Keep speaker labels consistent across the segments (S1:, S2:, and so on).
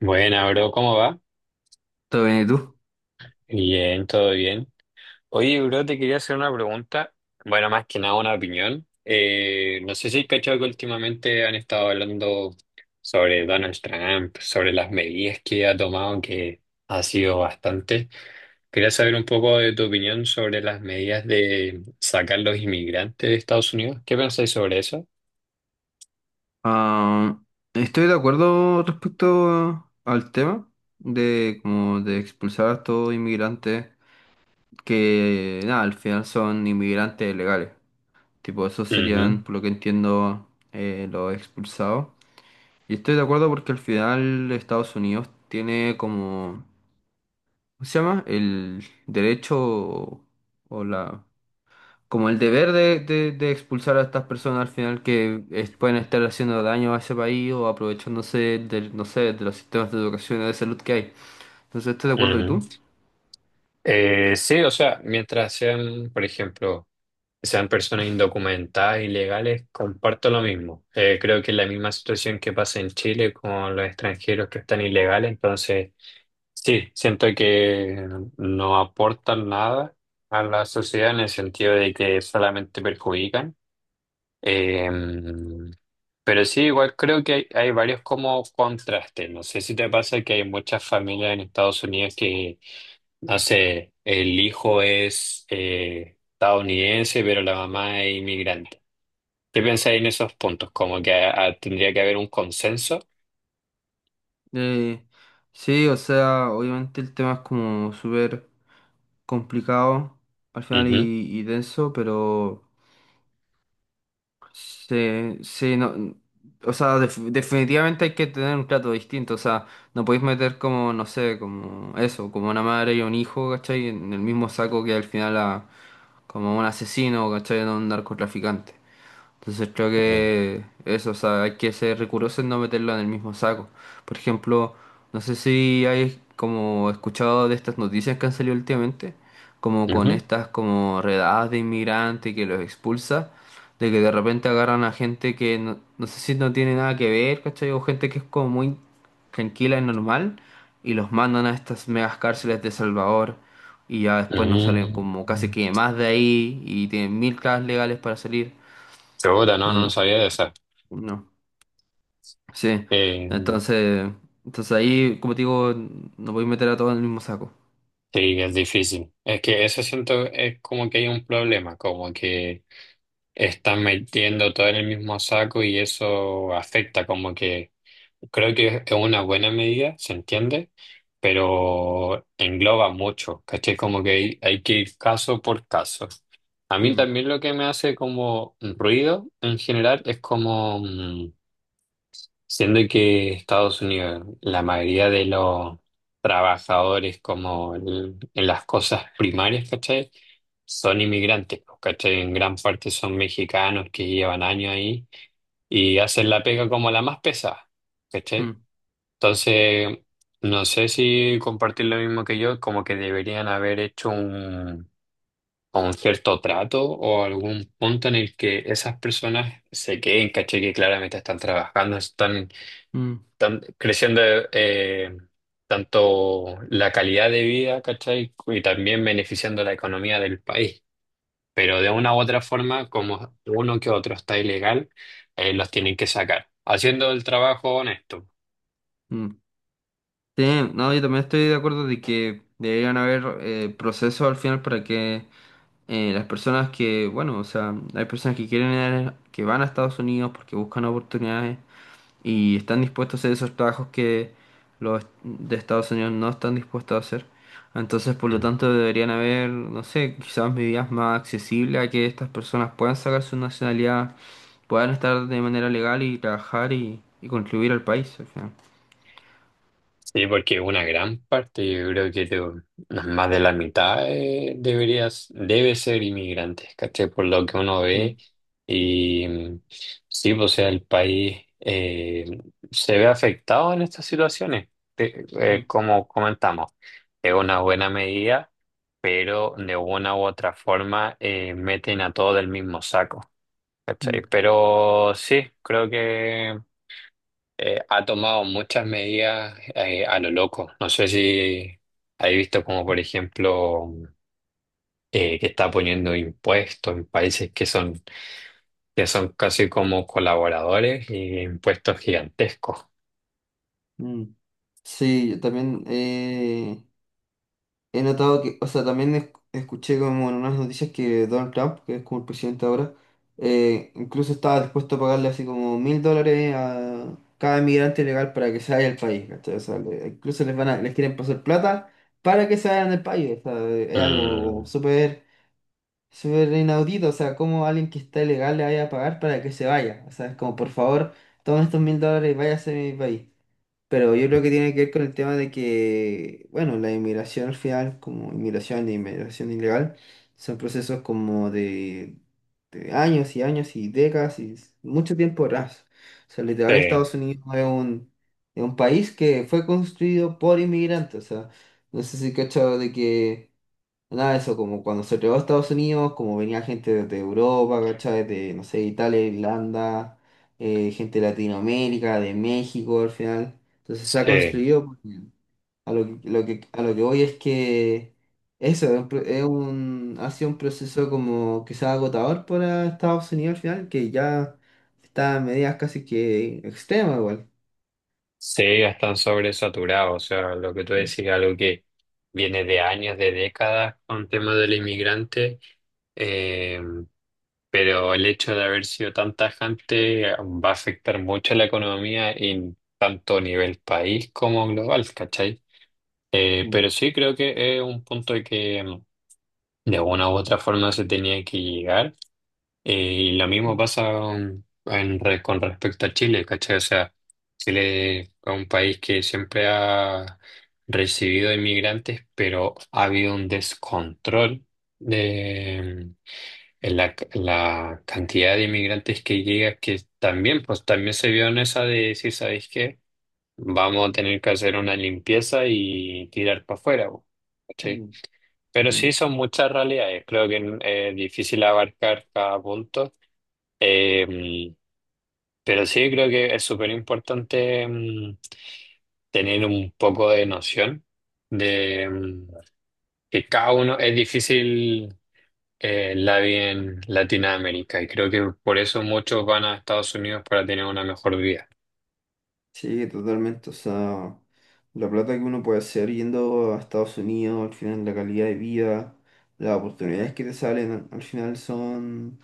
S1: Buena, bro, ¿cómo va?
S2: Todo bien, ¿y tú?
S1: Bien, todo bien. Oye, bro, te quería hacer una pregunta. Bueno, más que nada una opinión. No sé si has cachado que últimamente han estado hablando sobre Donald Trump, sobre las medidas que ha tomado, que ha sido bastante. Quería saber un poco de tu opinión sobre las medidas de sacar los inmigrantes de Estados Unidos. ¿Qué pensáis sobre eso?
S2: Ah, Estoy de acuerdo respecto al tema de como de expulsar a estos inmigrantes que nada, al final son inmigrantes legales. Tipo, esos serían,
S1: Ujú,
S2: por lo que entiendo, los expulsados. Y estoy de acuerdo porque al final Estados Unidos tiene como, ¿cómo se llama? El derecho o la como el deber de expulsar a estas personas al final pueden estar haciendo daño a ese país o aprovechándose del, no sé, de los sistemas de educación y de salud que hay. Entonces, estoy de acuerdo. ¿Y tú?
S1: ujú. Sí, o sea, mientras sean, por ejemplo, sean personas indocumentadas, ilegales, comparto lo mismo. Creo que es la misma situación que pasa en Chile con los extranjeros que están ilegales, entonces sí, siento que no aportan nada a la sociedad en el sentido de que solamente perjudican. Eh, pero sí, igual creo que hay varios como contrastes. No sé si te pasa que hay muchas familias en Estados Unidos que, no sé, el hijo es estadounidense, pero la mamá es inmigrante. ¿Qué pensáis en esos puntos? Como que ah, tendría que haber un consenso.
S2: Eh, sí, o sea, obviamente el tema es como súper complicado al final
S1: Ujú,
S2: y, y denso, pero... Sí, sí, no, o sea, definitivamente hay que tener un trato distinto, o sea, no podéis meter como, no sé, como eso, como una madre y un hijo, ¿cachai? En el mismo saco que al final a, como un asesino, ¿cachai? O un narcotraficante. Entonces creo
S1: ujú.
S2: que eso, o sea, hay que ser riguroso en no meterlo en el mismo saco. Por ejemplo, no sé si hay como escuchado de estas noticias que han salido últimamente, como con estas como redadas de inmigrantes que los expulsa, de que de repente agarran a gente que no, no sé si no tiene nada que ver, ¿cachai? O gente que es como muy tranquila y normal, y los mandan a estas megas cárceles de Salvador, y ya después no salen como casi
S1: Mm.
S2: que más de ahí, y tienen mil trabas legales para salir.
S1: Segura, no
S2: No-
S1: sabía de esa.
S2: no, sí.
S1: Eh,
S2: Entonces, entonces ahí, como te digo, no voy a meter a todos en el mismo saco.
S1: sí, es difícil. Es que eso siento es como que hay un problema, como que están metiendo todo en el mismo saco y eso afecta, como que creo que es una buena medida, se entiende, pero engloba mucho, ¿cachai? Como que hay que ir caso por caso. A mí
S2: Mm,
S1: también lo que me hace como ruido en general es como, siendo que Estados Unidos, la mayoría de los trabajadores como en las cosas primarias, ¿cachai? Son inmigrantes, pues, ¿cachai? En gran parte son mexicanos que llevan años ahí y hacen la pega como la más pesada, ¿cachai?
S2: mm,
S1: Entonces, no sé si compartir lo mismo que yo, como que deberían haber hecho un cierto trato o algún punto en el que esas personas se queden, caché que claramente están trabajando,
S2: mm,
S1: están creciendo eh, tanto la calidad de vida, ¿cachai? Y también beneficiando la economía del país. Pero de una u otra forma, como uno que otro está ilegal, los tienen que sacar, haciendo el trabajo honesto.
S2: mm. Sí, no, yo también estoy de acuerdo de que deberían haber procesos al final para que las personas que, bueno, o sea, hay personas que quieren que van a Estados Unidos porque buscan oportunidades y están dispuestos a hacer esos trabajos que los de Estados Unidos no están dispuestos a hacer. Entonces, por lo tanto, deberían haber, no sé, quizás medidas más accesibles a que estas personas puedan sacar su nacionalidad, puedan estar de manera legal y trabajar y contribuir al país al final.
S1: Sí, porque una gran parte, yo creo que más de la mitad deberías, debe ser inmigrantes, ¿cachai? Por lo que uno ve.
S2: Mm,
S1: Y sí, pues, o sea, el país se ve afectado en estas situaciones. Te-
S2: mm,
S1: Como comentamos, es una buena medida, pero de una u otra forma meten a todo del mismo saco, ¿cachai?
S2: mm,
S1: Pero sí, creo que ha tomado muchas medidas a lo loco. No sé si has visto como, por ejemplo, que está poniendo impuestos en países que son casi como colaboradores y impuestos gigantescos.
S2: mm. Sí, yo también. He notado que, o sea, también escuché como en unas noticias que Donald Trump, que es como el presidente ahora, incluso estaba dispuesto a pagarle así como $1,000 a cada inmigrante ilegal para que se vaya del país, ¿cachai? O sea, incluso les quieren pasar plata para que se vayan del país, o sea, es algo
S1: Mm,
S2: como súper, súper inaudito, o sea, como alguien que está ilegal le vaya a pagar para que se vaya, o sea, es como, por favor, tomen estos $1,000 y váyase de mi país. Pero yo creo que tiene que ver con el tema de que, bueno, la inmigración al final, como inmigración e inmigración ilegal, son procesos como de años y años y décadas y mucho tiempo atrás. O sea, literal,
S1: sí,
S2: Estados Unidos es un país que fue construido por inmigrantes. O sea, no sé si cachado de que nada de eso, como cuando se llegó a Estados Unidos, como venía gente desde Europa, ¿cachai? De, no sé, Italia, Irlanda, gente de Latinoamérica, de México al final. Entonces se ha
S1: sí,
S2: construido, pues, bien. A lo que, a lo que voy es que eso es un, pro- es un- ha sido un proceso como que sea agotador para Estados Unidos al final, que ya está a medidas casi que extremas igual.
S1: sí, ya están sobresaturados. O sea, lo que tú
S2: ¿No?
S1: decís, algo que viene de años, de décadas con temas del inmigrante. eh, pero el hecho de haber sido tan tajante va a afectar mucho a la economía en tanto a nivel país como global, ¿cachai?
S2: Mm,
S1: Pero sí creo que es un punto de que de una u otra forma se tenía que llegar. Eh, y lo mismo
S2: mm,
S1: pasa en con respecto a Chile, ¿cachai? O sea, Chile es un país que siempre ha recibido inmigrantes, pero ha habido un descontrol la cantidad de inmigrantes que llega, que también, pues también se vio en esa de decir, ¿sabéis qué? Vamos a tener que hacer una limpieza y tirar para afuera, po, ¿cachai?
S2: mm.
S1: Pero
S2: Sí,
S1: sí son muchas realidades, creo que es difícil abarcar cada punto. Eh, pero sí creo que es súper importante tener un poco de noción de que cada uno es difícil. La vi en Latinoamérica y creo que por eso muchos van a Estados Unidos para tener una mejor vida.
S2: sí, totalmente. O sea, la plata que uno puede hacer yendo a Estados Unidos, al final la calidad de vida, las oportunidades que te salen, al final son...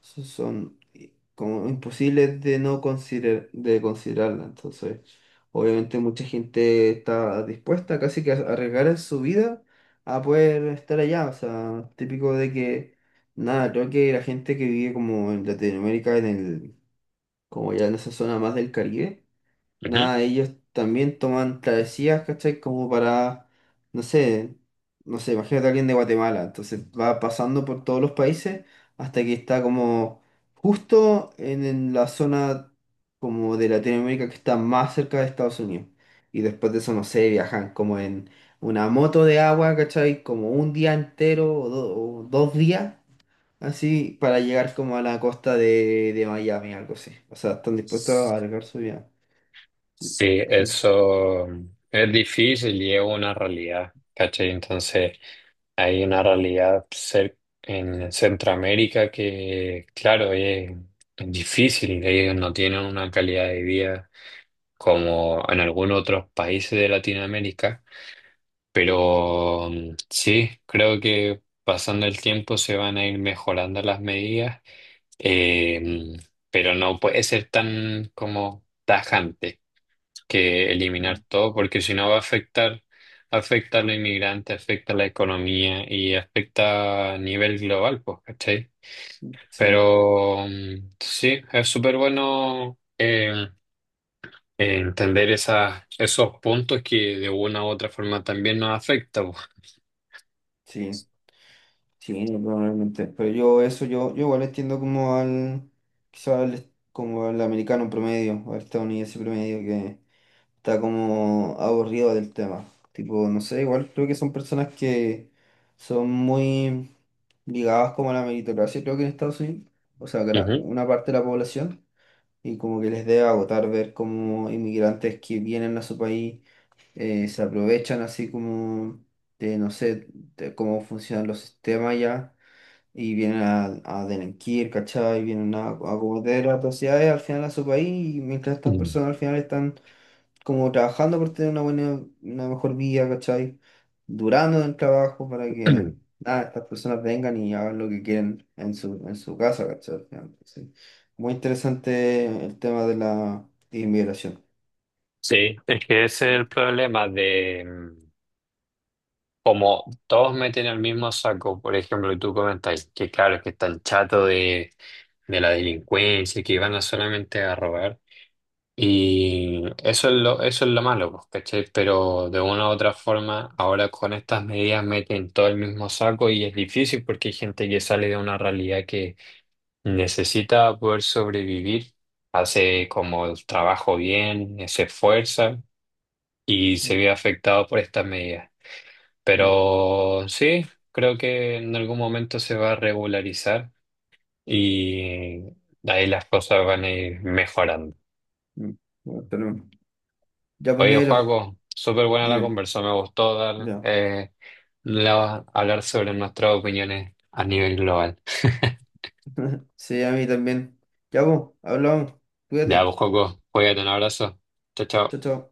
S2: como imposibles de no considerar, de considerarla. Entonces, obviamente mucha gente está dispuesta casi que a arriesgar su vida a poder estar allá. O sea, típico de que, nada, creo que la gente que vive como en Latinoamérica, como ya en esa zona más del Caribe,
S1: Ujú.
S2: nada, ellos también toman travesías, ¿cachai? Como para, no sé, imagínate a alguien de Guatemala, entonces va pasando por todos los países hasta que está como justo en la zona como de Latinoamérica que está más cerca de Estados Unidos. Y después de eso, no sé, viajan como en una moto de agua, ¿cachai? Como un día entero o dos días, así, para llegar como a la costa de Miami, algo así. O sea, están dispuestos a alargar su vida.
S1: Sí,
S2: Ujú.
S1: eso es difícil y es una realidad, ¿cachai? Entonces hay una realidad en Centroamérica que, claro, es difícil, ellos no tienen una calidad de vida como en algunos otros países de Latinoamérica. Pero sí, creo que pasando el tiempo se van a ir mejorando las medidas, eh, mm, pero no puede ser tan como tajante que eliminar todo, porque si no va a afectar, afecta a los inmigrantes, afecta a la economía y afecta a nivel global, pues, ¿cachai?
S2: Sí,
S1: Pero sí, es súper bueno entender esas, esos puntos que de una u otra forma también nos afectan, pues.
S2: sí, sí, no, probablemente. Pero yo eso, yo igual entiendo como al, quizá como al americano promedio, o al estadounidense promedio que está como aburrido del tema. Tipo, no sé, igual creo que son personas que son muy ligadas como a la meritocracia, creo que en Estados Unidos, o sea, una parte de la población, y como que les debe agotar ver como inmigrantes que vienen a su país se aprovechan así como de, no sé, de cómo funcionan los sistemas ya, y vienen a delinquir, ¿cachai? Vienen a cometer atrocidades al final a su país, y mientras estas
S1: Mm.
S2: personas al final están como trabajando por tener una buena, una mejor vida, ¿cachai? Durando en el trabajo para que nada, estas personas vengan y hagan lo que quieren en su casa, ¿cachai? Al final, sí. Muy interesante el tema de la inmigración.
S1: Sí, es que ese es el problema de como todos meten el mismo saco, por ejemplo, y tú comentáis que claro, que están chato de la delincuencia, que van a solamente a robar. Y eso es eso es lo malo, pues, ¿cachai? Pero de una u otra forma, ahora con estas medidas meten todo el mismo saco y es difícil porque hay gente que sale de una realidad que necesita poder sobrevivir, hace como el trabajo bien, se esfuerza, y se ve afectado por estas medidas.
S2: Mm,
S1: Pero sí, creo que en algún momento se va a regularizar y ahí las cosas van a ir mejorando.
S2: mm. Bueno, tenemos. Ya, pues,
S1: Oye,
S2: negro,
S1: Joaco, súper buena la
S2: dime.
S1: conversa, me gustó dar,
S2: Ya.
S1: hablar sobre nuestras opiniones a nivel global.
S2: Sí, a mí también. Ya, pues, hablamos.
S1: Ya, pues,
S2: Cuídate.
S1: Joaco, cuídate, un abrazo. Chao, chao.
S2: Chao, chao.